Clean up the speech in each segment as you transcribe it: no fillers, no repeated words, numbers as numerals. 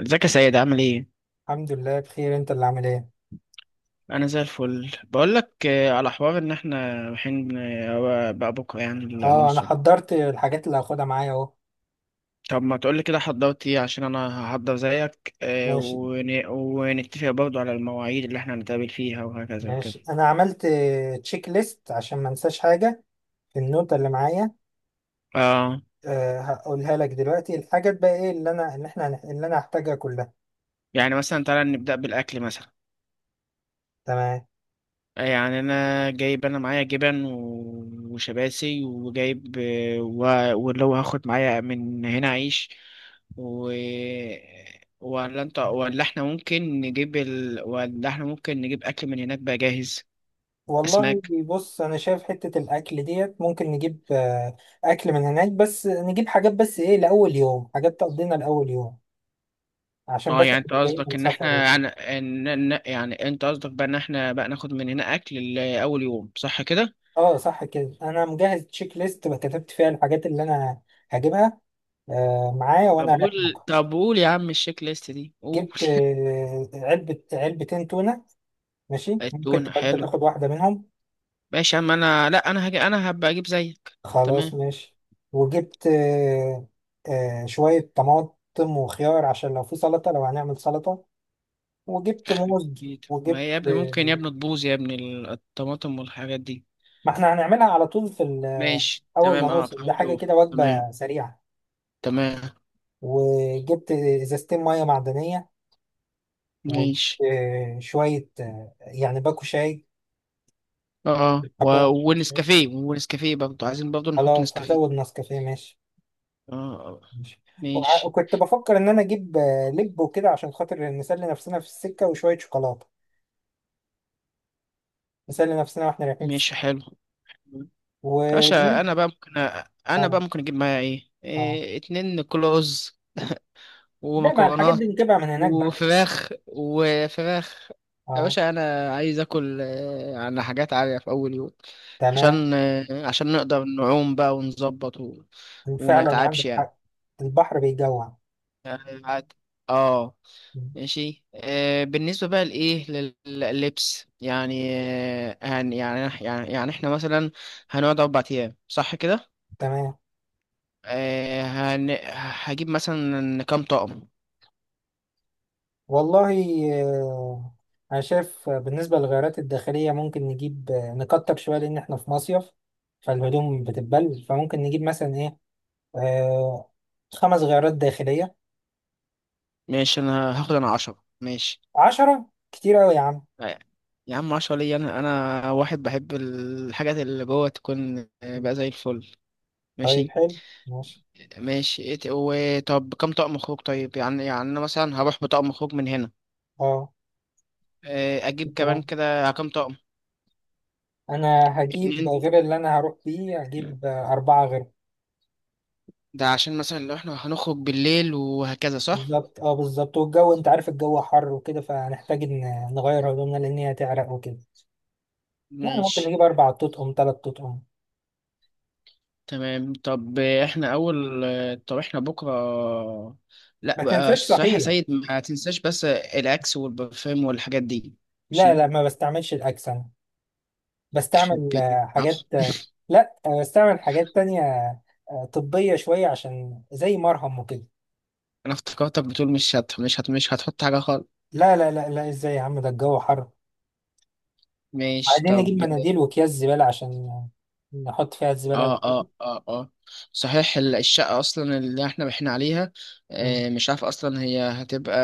ازيك يا سيد، عامل ايه؟ الحمد لله بخير. انت اللي عامل ايه؟ انا زي الفل بقول لك. على حوار ان احنا رايحين بقى بكره يعني اه، انا للمصر. حضرت الحاجات اللي هاخدها معايا اهو. طب ما تقول لي كده، حضرت ايه؟ عشان انا هحضر زيك ماشي. ونتفق برضو على المواعيد اللي احنا هنتقابل فيها وهكذا ماشي، وكده. انا عملت تشيك ليست عشان ما انساش حاجه في النوتة اللي معايا. اه، هقولها لك دلوقتي. الحاجات بقى ايه اللي انا اللي احنا هن- اللي انا هحتاجها كلها؟ يعني مثلا تعالى نبدا بالاكل مثلا. تمام. يعني انا معايا جبن وشباسي وجايب و... واللي هو هاخد معايا من هنا عيش و... ولا انت ولا احنا ممكن نجيب ولا احنا ممكن نجيب اكل من هناك بقى جاهز. والله اسماك. بص، انا شايف حته الاكل ديت ممكن نجيب اكل من هناك، بس نجيب حاجات، بس ايه لاول يوم، حاجات تقضينا لاول يوم، عشان اه بس يعني إحنا انت جايين قصدك من ان سفر. احنا يعني يعني انت قصدك بقى ان احنا بقى ناخد من هنا اكل لاول يوم، صح كده؟ اه، صح كده. انا مجهز تشيك ليست كتبت فيها الحاجات اللي انا هجيبها معايا طب وانا رايح قول مكة. طب قول يا عم، الشيك ليست دي قول. جبت علبة علبتين تونة. ماشي، ممكن التونة تبقى انت حلو. تاخد واحدة منهم. ماشي يا عم، انا لا، انا هبقى اجيب زيك. خلاص تمام. ماشي. وجبت شوية طماطم وخيار، عشان لو في سلطة، لو هنعمل سلطة. وجبت موز، أكيد. ما هي وجبت يا ابني ممكن يا ابني تبوظ يا ابني الطماطم والحاجات دي. ما احنا هنعملها على طول في ماشي اول تمام، ما اه، نوصل. ده حاجة حاولي. كده، تمام. وجبة سريعة. تمام. وجبت ازازتين مية معدنية، ماشي، وشوية يعني باكو شاي اه، حبة أشرب شاي. ونسكافيه برضه، عايزين برضه نحط خلاص، هزود نسكافيه. نسكافيه. ماشي. اه، آه. ماشي. ماشي. وكنت بفكر إن أنا أجيب لب وكده عشان خاطر نسلي نفسنا في السكة، وشوية شوكولاتة نسلي نفسنا وإحنا رايحين في ماشي السكة. حلو. باشا و انا بقى ممكن آه اجيب معايا آه إيه؟ اتنين كلوز لا، ما الحاجات ومكرونات دي نجيبها من هناك بقى. وفراخ. يا آه. باشا، انا عايز اكل على حاجات عالية في اول يوم، تمام. عشان نقدر نعوم بقى ونظبط وما وفعلا نتعبش عندك يعني. حق. البحر بيجوع. يعني عادي. اه. م. ماشي، بالنسبة بقى لللبس يعني. آه هن يعني إحنا مثلا هنقعد 4 أيام، صح كده؟ تمام. آه هن هجيب مثلا كام طقم؟ والله آه، أنا شايف بالنسبة للغيارات الداخلية ممكن نجيب نكتر شوية لأن إحنا في مصيف، فالهدوم بتتبل، فممكن نجيب مثلا إيه آه خمس غيارات داخلية. ماشي، أنا هاخد أنا 10، ماشي. عشرة كتير أوي يا عم. أي- يا عم 10 ليا، انا انا واحد بحب الحاجات اللي جوه تكون بقى زي الفل. طيب ماشي. حلو. ماشي. ماشي، وطب كم طقم خروج؟ طيب يعني، يعني انا مثلا هروح بطقم خروج من هنا، أه، اجيب كمان تمام. كده كم طقم؟ أنا هجيب 2. غير اللي أنا هروح بيه، هجيب أربعة غير. ده عشان مثلا لو احنا هنخرج بالليل وهكذا، صح. بالظبط. بالظبط. والجو أنت عارف، الجو حر وكده، فهنحتاج إن نغير هدومنا لأن هي هتعرق وكده. يعني ممكن ماشي نجيب أربع تطقم تلات تطقم. تمام. طب احنا اول. طب احنا بكره. لا ما بقى، تنساش صحيح يا صحيح. سيد، ما تنساش بس الاكس والبرفان والحاجات دي. لا، ماشي. لا، ما بستعملش الأكسنة. يخرب بستعمل بيت. حاجات لا بستعمل حاجات تانية طبية شوية، عشان زي مرهم وكده. انا افتكرتك بتقول مش هتحط حاجه خالص. لا، لا، لا، لا، ازاي يا عم؟ ده الجو حر. ماشي عايزين نجيب طب. مناديل وأكياس زبالة عشان نحط فيها الزبالة اه، وكده. اه، اه، اه. صحيح الشقه اصلا اللي احنا عليها، مم. مش عارف اصلا هي هتبقى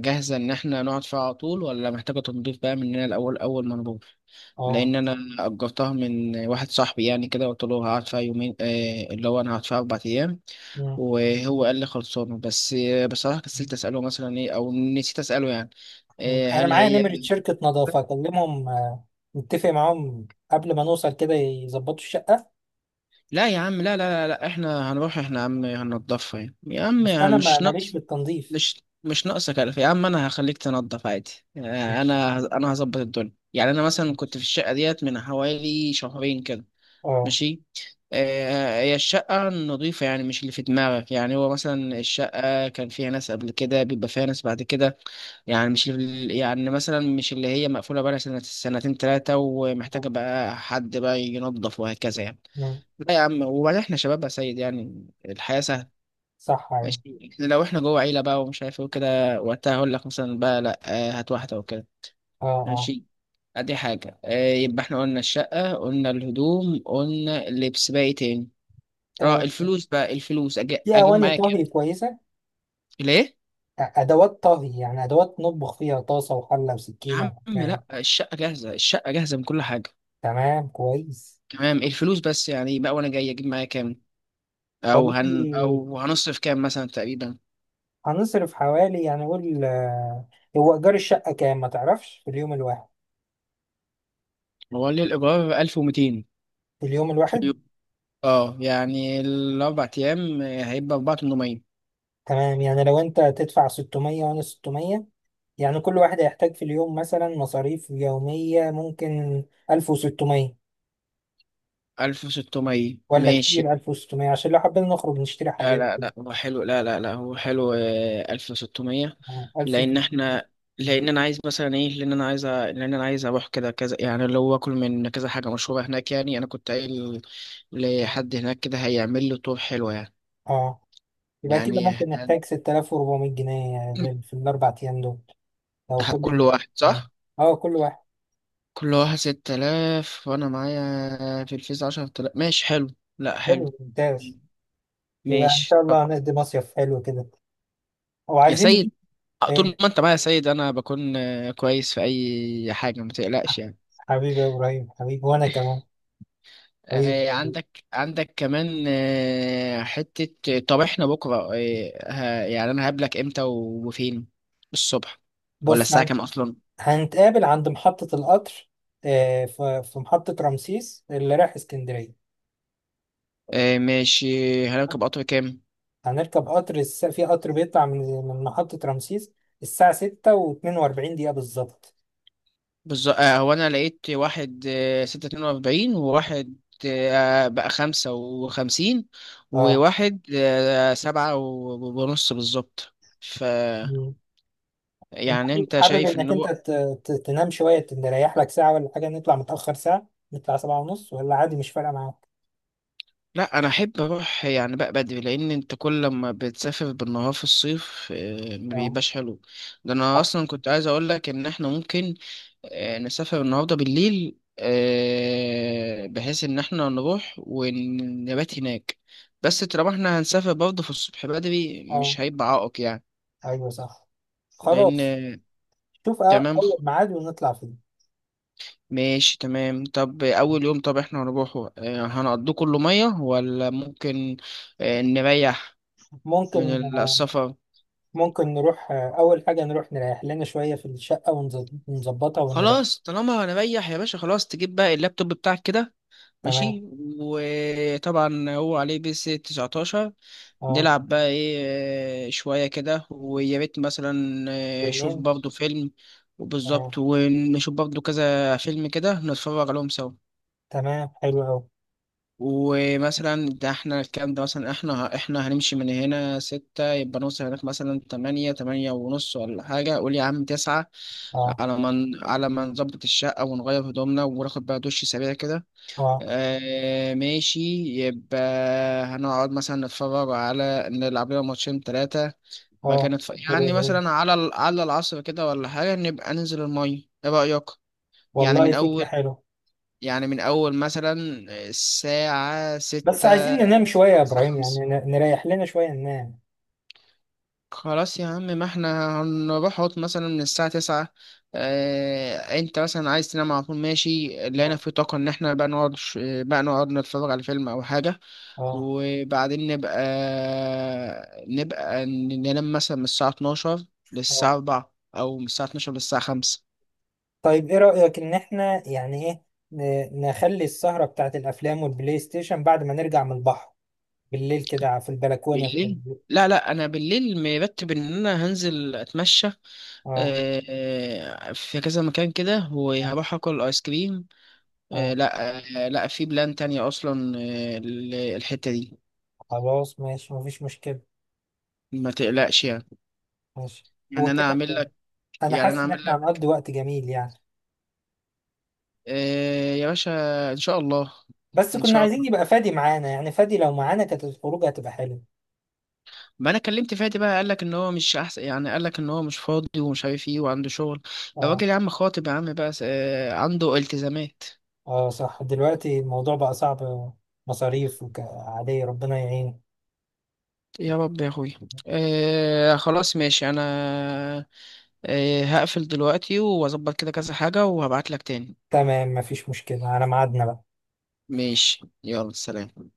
جاهزه ان احنا نقعد فيها على طول، ولا محتاجه تنظيف بقى مننا الاول، اول ما نروح. اه. لان انا اجرتها من واحد صاحبي، يعني كده قلت له هقعد فيها يومين، اللي هو انا هقعد فيها 4 ايام. مم. وهو قال لي خلصانه، بس بصراحه كسلت اساله مثلا ايه، او نسيت اساله يعني، مم. آه، أنا هل معايا هي نمرة شركة نظافة، أكلمهم نتفق معاهم قبل ما نوصل كده يظبطوا الشقة. لا يا عم، لا، لا، لا، لا. احنا هنروح احنا يا عم هننضفها يعني. يا عم بس يعني أنا مش ماليش في ناقص. التنظيف. مش ناقصك ألف يا عم، انا هخليك تنضف عادي. آه، ماشي. انا انا هظبط الدنيا. يعني انا مثلا ماشي. كنت في الشقة ديت من حوالي شهرين كده. اه. ماشي. هي الشقة نظيفة يعني، مش اللي في دماغك. يعني هو مثلا الشقة كان فيها ناس قبل كده، بيبقى فيها ناس بعد كده. يعني مش يعني مثلا مش اللي هي مقفولة بقى سنة سنتين تلاتة ومحتاجة آه. بقى حد بقى ينظف وهكذا يعني. مم. لا يا عم، وبعدين احنا شباب يا سيد، يعني الحياة سهلة. صح أيوة. ماشي. لو احنا جوه عيلة بقى ومش عارف ايه وكده، وقتها هقول لك مثلا بقى لا، هات واحدة وكده. اه. اه. ماشي. ادي حاجة. يبقى احنا قلنا الشقة، قلنا الهدوم، قلنا اللبس، باقي تاني. اه، آه، الفلوس بقى، في اجيب أواني معايا كام؟ طهي كويسة؟ ليه؟ أدوات طهي، يعني أدوات نطبخ فيها، طاسة وحلة يا وسكينة عم وحكاية. لا، الشقة جاهزة، من كل حاجة. تمام كويس. تمام. الفلوس بس يعني بقى، وانا جاي اجيب معايا كام؟ او والله، او هنصرف كام مثلا تقريبا؟ هنصرف حوالي، يعني قول هو إيجار الشقة كام ما تعرفش في اليوم الواحد؟ هو ليه الايجار 1200؟ في اليوم الواحد. اه، يعني الأربع أيام هيبقى أربعة تمنمية؟ تمام، يعني لو أنت تدفع 600 وأنا 600. يعني كل واحد هيحتاج في اليوم مثلا مصاريف يومية، ممكن 1600، 1600، ولا ماشي. كتير؟ 1600 عشان لو حبينا نخرج نشتري لا حاجات. لا لا، هو حلو، لا لا لا، هو حلو. ألف وستمية. لأن 1600. احنا، لأن أنا عايز أروح كده كذا، يعني اللي هو أكل من كذا حاجة مشهورة هناك. يعني أنا كنت قايل اه. لحد هناك كده هيعمل له طور حلو يعني. آه. يبقى كده يعني ممكن هن- نحتاج 6400 جنيه يعني في الاربع ايام دول. لو كل كل واحد، صح؟ اه كل واحد. كل واحد 6000، وأنا معايا في الفيز 10000، ماشي حلو. لا حلو. حلو ممتاز. يبقى ان ماشي شاء طب. الله هنقضي مصيف حلو كده. يا وعايزين سيد، نشوف طول ايه؟ ما انت معايا يا سيد انا بكون كويس في اي حاجه، ما تقلقش يعني. حبيبي يا ابراهيم، حبيبي وانا كمان. حبيبي. عندك كمان حته. طب احنا بكره، يعني انا هقابلك امتى وفين؟ الصبح، ولا بص، الساعه كام اصلا؟ هنتقابل عند محطة القطر في محطة رمسيس اللي رايح اسكندرية. ماشي. هنركب قطر كام؟ هنركب قطر في قطر بيطلع من محطة رمسيس الساعة ستة واتنين وأربعين دقيقة بالظبط. بالظبط. هو انا لقيت واحد 6:42، وواحد بقى 5:55، اه. وواحد سبعة ونص بالظبط. انت يعني حابب انت حابب شايف ان انك انت هو؟ تنام شويه، تريح لك ساعه ولا حاجه؟ نطلع متاخر ساعه، نطلع سبعة ونص، ولا عادي مش فارقه معاك؟ لا، انا احب اروح يعني بقى بدري، لان انت كل ما بتسافر بالنهار في الصيف، ما اه بيبقاش حلو. ده انا صح. اصلا كنت عايز اقول لك ان احنا ممكن نسافر النهارده بالليل، بحيث ان احنا نروح ونبات هناك. بس طالما احنا هنسافر برضه في الصبح بدري، اه مش هيبقى عائق يعني. ايوه صح. لان خلاص. شوف تمام. اول ميعاد ونطلع فيه. ماشي تمام. طب أول يوم، طب احنا هنروحه هنقضيه كله مية، ولا ممكن نريح من ممكن آه، السفر؟ ممكن نروح اول حاجه، نروح نريح لنا شويه في الشقه ونظبطها ونريح. خلاص، طالما هنريح يا باشا، خلاص تجيب بقى اللابتوب بتاعك كده. ماشي. تمام. وطبعا هو عليه بيس 19، اه. نلعب بقى ايه؟ شوية كده، ويا ريت مثلا شوف بالليل. برضه فيلم. اه. وبالظبط، ونشوف برضه كذا فيلم كده نتفرج عليهم سوا. تمام حلو قوي. ومثلا ده، احنا الكلام ده مثلا، احنا هنمشي من هنا 6، يبقى نوصل هناك مثلا 8، 8:30 ولا حاجة، قول يا عم 9. اه على ما نظبط الشقة ونغير هدومنا وناخد بقى دش سريع كده. اه آه ماشي. يبقى هنقعد مثلا نتفرج على نلعب لنا ماتشين تلاتة. اه، بعد كده حلو يعني قوي. مثلا على على العصر كده ولا حاجة، نبقى ننزل المية، ايه رأيك؟ يعني من والله، فكره أول، حلوه. يعني من أول مثلا الساعة بس 6. عايزين ننام شويه يا خمسة، ابراهيم، خمسة. يعني نريح لنا شويه ننام. خلاص يا عم، ما احنا هنروح هوت مثلا من الساعة 9. اه، انت مثلا عايز تنام على طول، ماشي. لقينا اه. في طاقة ان احنا بقى نقعد نتفرج على فيلم او حاجة، اه وبعدين ننام مثلا من الساعة 12 للساعة اه. 4، او من الساعة 12 للساعة 5. طيب ايه رأيك ان احنا يعني ايه نخلي السهرة بتاعت الافلام والبلاي ستيشن بعد ما نرجع من البحر بالليل كده في البلكونة بالليل؟ لا لا، انا بالليل مرتب ان انا هنزل اتمشى اه في كذا مكان كده، وهروح اكل ايس كريم. اه. لا، لا، في بلان تانية اصلا، الحتة دي. خلاص ماشي. مفيش مشكلة. ما تقلقش يعني. ماشي. هو يعني انا كده، اعمل لك انا يعني انا حاسس ان اعمل احنا لك هنقضي وقت جميل يعني. يا باشا، ان شاء الله. بس ان كنا شاء عايزين الله. يبقى فادي معانا. يعني فادي لو معانا كانت الخروج هتبقى حلوة. ما انا كلمت فادي بقى، قال لك ان هو مش احسن يعني، قال لك ان هو مش فاضي ومش عارف ايه وعنده شغل. اه. الراجل يا عم خاطب يا عم بقى، عنده التزامات. اه صح، دلوقتي الموضوع بقى صعب، مصاريف عادية. ربنا يعين. يا رب يا اخوي. خلاص ماشي، انا إيه، هقفل دلوقتي واظبط كده كذا حاجة، وهبعت لك تاني. تمام، مفيش مشكلة على ميعادنا بقى. ماشي، يلا سلام.